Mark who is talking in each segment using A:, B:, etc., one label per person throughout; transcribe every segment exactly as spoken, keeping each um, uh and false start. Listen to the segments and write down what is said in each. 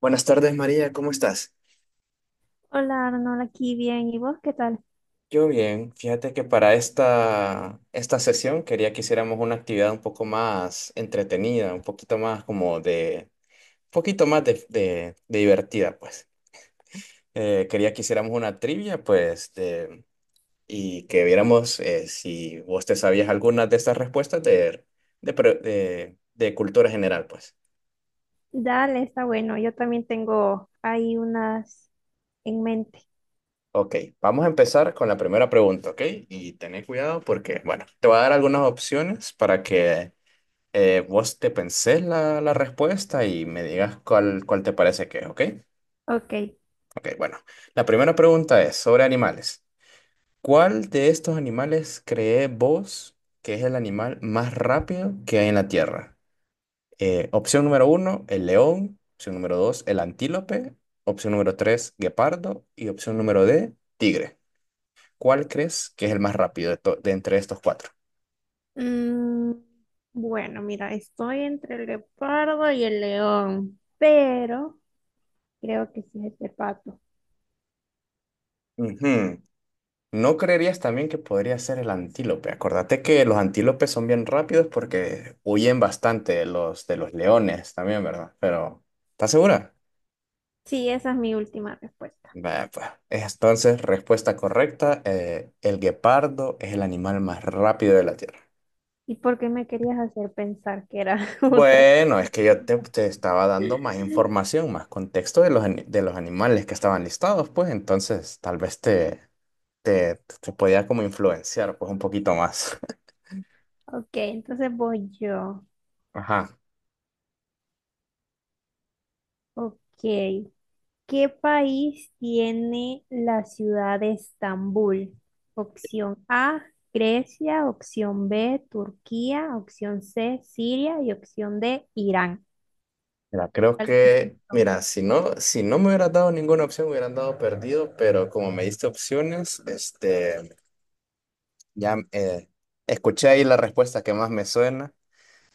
A: Buenas tardes, María, ¿cómo estás?
B: Hola Arnold, aquí bien. ¿Y vos qué tal?
A: Yo bien, fíjate que para esta, esta sesión quería que hiciéramos una actividad un poco más entretenida, un poquito más como de, un poquito más de, de- de divertida, pues. Eh, quería que hiciéramos una trivia, pues, de- y que viéramos eh, si vos te sabías alguna de estas respuestas de, de, pre- de, de cultura general, pues.
B: Dale, está bueno. Yo también tengo ahí unas en mente.
A: Ok, vamos a empezar con la primera pregunta, ¿ok? Y tened cuidado porque, bueno, te voy a dar algunas opciones para que eh, vos te pensés la, la respuesta y me digas cuál, cuál te parece que es, ¿ok?
B: Ok.
A: Ok, bueno. La primera pregunta es sobre animales. ¿Cuál de estos animales crees vos que es el animal más rápido que hay en la Tierra? Eh, opción número uno, el león. Opción número dos, el antílope. Opción número tres, guepardo. Y opción número D, tigre. ¿Cuál crees que es el más rápido de, to- de entre estos cuatro?
B: Mm, bueno, mira, estoy entre el leopardo y el león, pero creo que sí es el pato.
A: Ujú. ¿No creerías también que podría ser el antílope? Acordate que los antílopes son bien rápidos porque huyen bastante de los, de los leones también, ¿verdad? Pero, ¿estás segura?
B: Sí, esa es mi última respuesta.
A: Vaya, pues. Entonces, respuesta correcta, eh, el guepardo es el animal más rápido de la Tierra.
B: ¿Y por qué me querías hacer pensar que era otra cosa?
A: Bueno, es que yo te, te estaba dando más información, más contexto de los, ani- de los animales que estaban listados, pues entonces tal vez te, te, te podía como influenciar pues un poquito más.
B: Ok, entonces voy yo.
A: Ajá.
B: Ok. ¿Qué país tiene la ciudad de Estambul? Opción A, Grecia. Opción B, Turquía. Opción C, Siria. Y opción D, Irán.
A: Mira, creo
B: ¿Cuáles esas
A: que,
B: son?
A: mira, si no, si no me hubieras dado ninguna opción, me hubieran dado perdido, pero como me diste opciones, este, ya eh, escuché ahí la respuesta que más me suena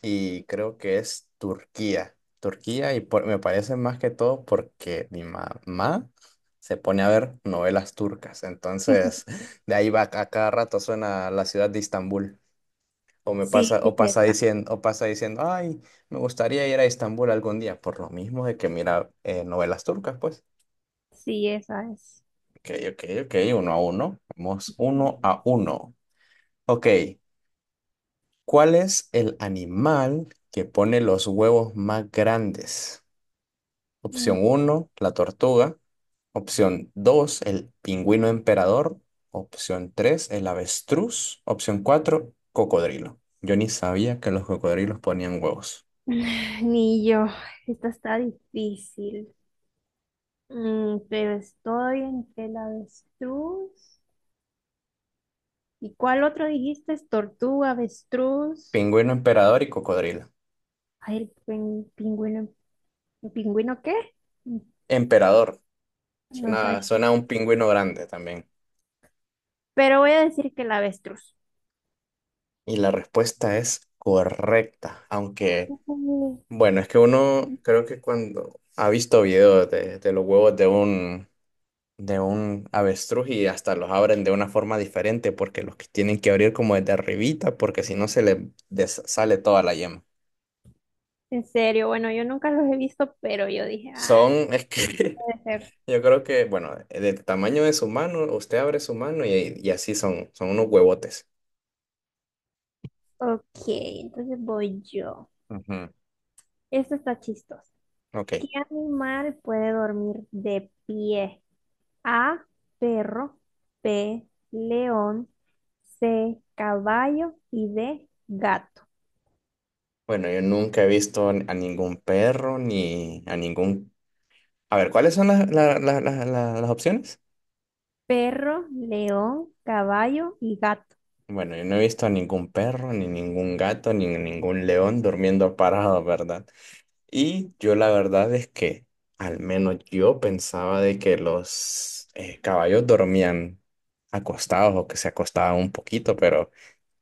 A: y creo que es Turquía. Turquía y por- me parece más que todo porque mi mamá se pone a ver novelas turcas, entonces de ahí va a cada rato suena la ciudad de Estambul. O me
B: Sí,
A: pasa,
B: no.
A: o
B: Sí,
A: pasa
B: esa.
A: diciendo, o pasa diciendo, ay, me gustaría ir a Estambul algún día, por lo mismo de que mira eh, novelas turcas, pues.
B: Sí, esa es.
A: Ok, ok, ok, uno a uno. Vamos uno a uno. Ok, ¿cuál es el animal que pone los huevos más grandes?
B: Mm.
A: Opción uno, la tortuga. Opción dos, el pingüino emperador. Opción tres, el avestruz. Opción cuatro, cocodrilo. Yo ni sabía que los cocodrilos ponían huevos.
B: Ni yo. Esta está difícil. Mm, Pero estoy entre el avestruz. ¿Y cuál otro dijiste? Tortuga, avestruz.
A: Pingüino emperador y cocodrilo.
B: Ay, el pin- pingüino, ¿pingüino qué?
A: Emperador.
B: No sabe.
A: Suena, suena a un pingüino grande también.
B: Pero voy a decir que el avestruz.
A: Y la respuesta es correcta. Aunque,
B: Ujú.
A: bueno, es que uno creo que cuando ha visto videos de, de los huevos de un, de un avestruz y hasta los abren de una forma diferente porque los que tienen que abrir como desde arribita porque si no se les des- sale toda la yema.
B: En serio. Bueno, yo nunca los he visto, pero yo dije, ah,
A: Son, es que
B: puede ser.
A: yo creo que, bueno, del tamaño de su mano, usted abre su mano y, y así son, son unos huevotes.
B: Ok, entonces voy yo.
A: Ujú.
B: Esto está chistoso.
A: Ok.
B: ¿Qué animal puede dormir de pie? A, perro. B, león. C, caballo. Y D, gato.
A: Bueno, yo nunca he visto a ningún perro ni a ningún... A ver, ¿cuáles son las, la- la- la- la- las opciones?
B: Perro, león, caballo y gato.
A: Bueno, yo no he visto a ningún perro, ni ningún gato, ni ningún león durmiendo parado, ¿verdad? Y yo la verdad es que, al menos yo pensaba de que los eh, caballos dormían acostados o que se acostaban un poquito, pero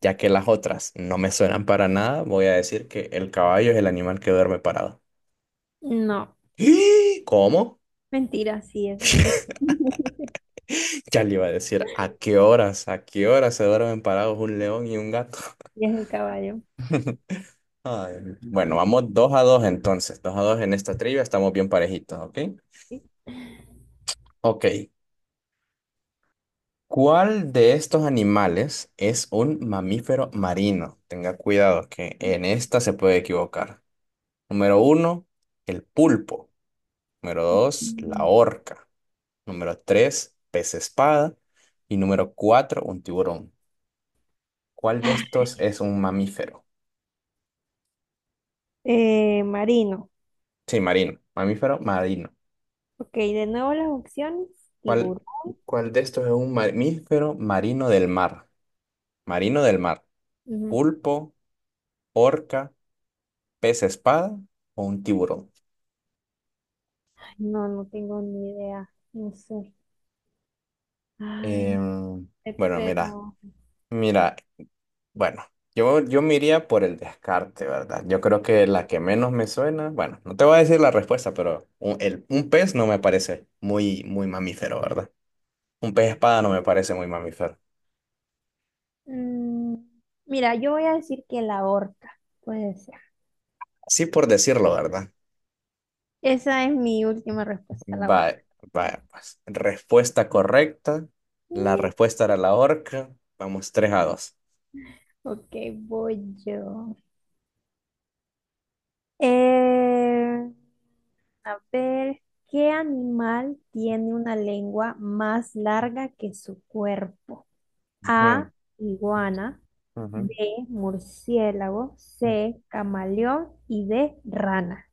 A: ya que las otras no me suenan para nada, voy a decir que el caballo es el animal que duerme parado.
B: No.
A: ¿Y? ¿Cómo?
B: Mentira, sí, ese es.
A: Ya le iba a decir, ¿a qué horas, a qué horas se duermen parados un león y un gato?
B: Y es el caballo.
A: Ay, Bueno, vamos dos a dos entonces, dos a dos en esta trivia, estamos bien parejitos, ¿ok?
B: ¿Sí?
A: Ok, ¿cuál de estos animales es un mamífero marino? Tenga cuidado que en esta se puede equivocar. Número uno, el pulpo. Número dos, la
B: Mm.
A: orca. Número tres, pez espada. Y número cuatro, un tiburón. ¿Cuál de estos es un mamífero?
B: Eh, marino.
A: Sí, marino. Mamífero marino.
B: Ok, de nuevo las opciones.
A: ¿Cuál,
B: Tiburón.
A: cuál de estos es un mamífero marino del mar? Marino del mar.
B: Ujú.
A: Pulpo, orca, pez espada o un tiburón.
B: Ay, no, no tengo ni idea. No sé. Ah, no
A: Em,
B: sé,
A: bueno, mira,
B: pero.
A: mira, bueno, yo, yo me iría por el descarte, ¿verdad? Yo creo que la que menos me suena, bueno, no te voy a decir la respuesta, pero un, el- un pez no me parece muy, muy mamífero, ¿verdad? Un pez espada no me parece muy mamífero.
B: mm, Mira, yo voy a decir que la orca. Puede ser.
A: sí por decirlo, ¿verdad?
B: Esa es mi última respuesta, la orca.
A: Vaya, vaya, pues. Respuesta correcta. La
B: Mm.
A: respuesta era la horca. Vamos, tres a dos.
B: Ok, voy yo. Eh, A ver, ¿qué animal tiene una lengua más larga que su cuerpo?
A: Ujú,
B: A, iguana. B,
A: ujú,
B: murciélago.
A: ujú.
B: C, camaleón. Y D, rana.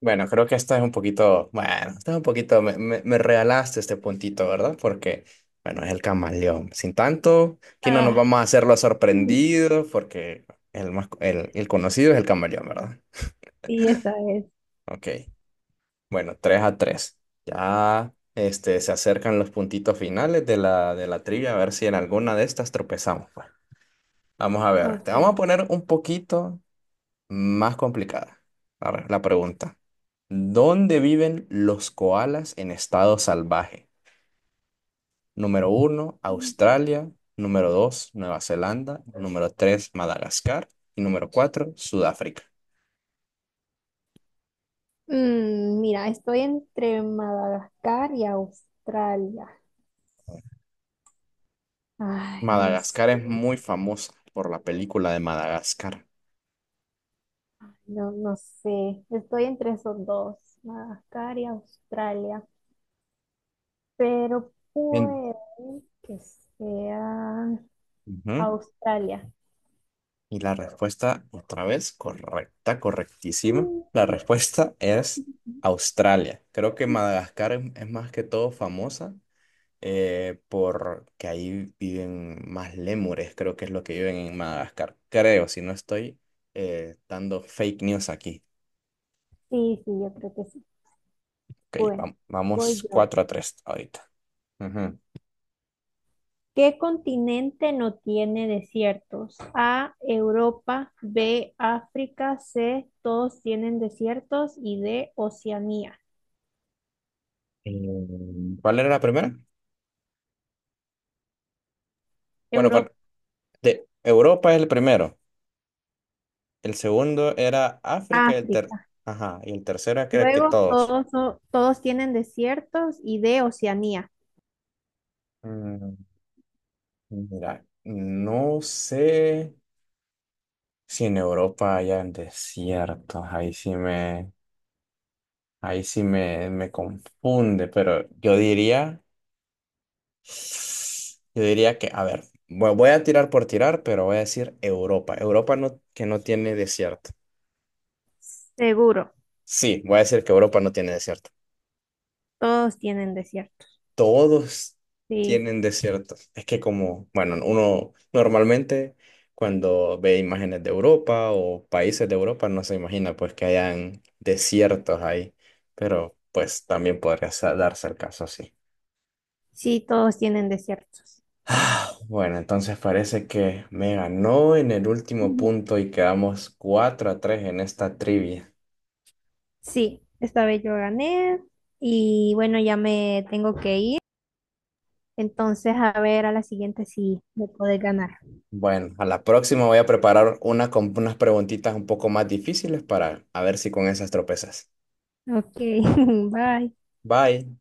A: Bueno, creo que esta es un poquito, bueno, esta es un poquito, me, me, me regalaste este puntito, ¿verdad? Porque, bueno, es el camaleón. Sin tanto, aquí no nos
B: Ah,
A: vamos a hacer los
B: sí,
A: sorprendidos porque el más, el, el conocido es el camaleón, ¿verdad?
B: esa es.
A: Ok, bueno, tres a tres. Ya, este, se acercan los puntitos finales de la, de la trivia, a ver si en alguna de estas tropezamos, pues. Vamos a ver, te
B: Ok.
A: vamos a poner un poquito más complicada. Arre, la pregunta. ¿Dónde viven los koalas en estado salvaje? Número uno,
B: mm,
A: Australia. Número dos, Nueva Zelanda. Número tres, Madagascar. Y número cuatro, Sudáfrica.
B: Mira, estoy entre Madagascar y Australia. Ay, no sé,
A: Madagascar es muy famosa por la película de Madagascar.
B: no, no sé. Estoy entre esos dos, Madagascar y Australia, pero
A: En-
B: puede que sea
A: Ujú.
B: Australia.
A: Y la respuesta, otra vez, correcta, correctísima. La
B: Mm.
A: respuesta es Australia. Creo que Madagascar es, es más que todo famosa eh, porque ahí viven más lémures, creo que es lo que viven en Madagascar. Creo, si no estoy eh, dando fake news aquí.
B: Sí, sí, yo creo que sí.
A: Ok,
B: Bueno,
A: vam-
B: voy
A: vamos
B: yo.
A: cuatro a tres ahorita. Ujú.
B: ¿Qué continente no tiene desiertos? A, Europa. B, África. C, todos tienen desiertos. Y D, Oceanía.
A: Eh, ¿Cuál era la primera? Bueno,
B: Europa,
A: cuál- de Europa es el primero. El segundo era África y el ter...
B: África.
A: Ajá, y el tercero era que
B: Luego
A: todos.
B: todos, so- todos tienen desiertos y D, Oceanía.
A: Mm, mira, no sé si en Europa hayan desiertos. Ahí sí me, ahí sí me, me confunde, pero yo diría, yo diría que, a ver, vo- voy a tirar por tirar, pero voy a decir Europa. Europa no, que no tiene desierto.
B: Seguro,
A: Sí, voy a decir que Europa no tiene desierto.
B: todos tienen desiertos.
A: Todos
B: Sí.
A: tienen desiertos. Es que como, bueno, uno normalmente cuando ve imágenes de Europa o países de Europa no se imagina pues que hayan desiertos ahí, pero pues también podría sa- darse el caso así.
B: Sí, todos tienen desiertos.
A: Ah, Bueno, entonces parece que me ganó en el último
B: Ujú.
A: punto y quedamos cuatro a tres en esta trivia.
B: Sí, esta vez yo gané y bueno, ya me tengo que ir. Entonces, a ver a la siguiente si me puedes ganar.
A: Bueno, a la próxima voy a preparar una con unas preguntitas un poco más difíciles para a ver si con esas tropezas.
B: Ok, bye.
A: Bye.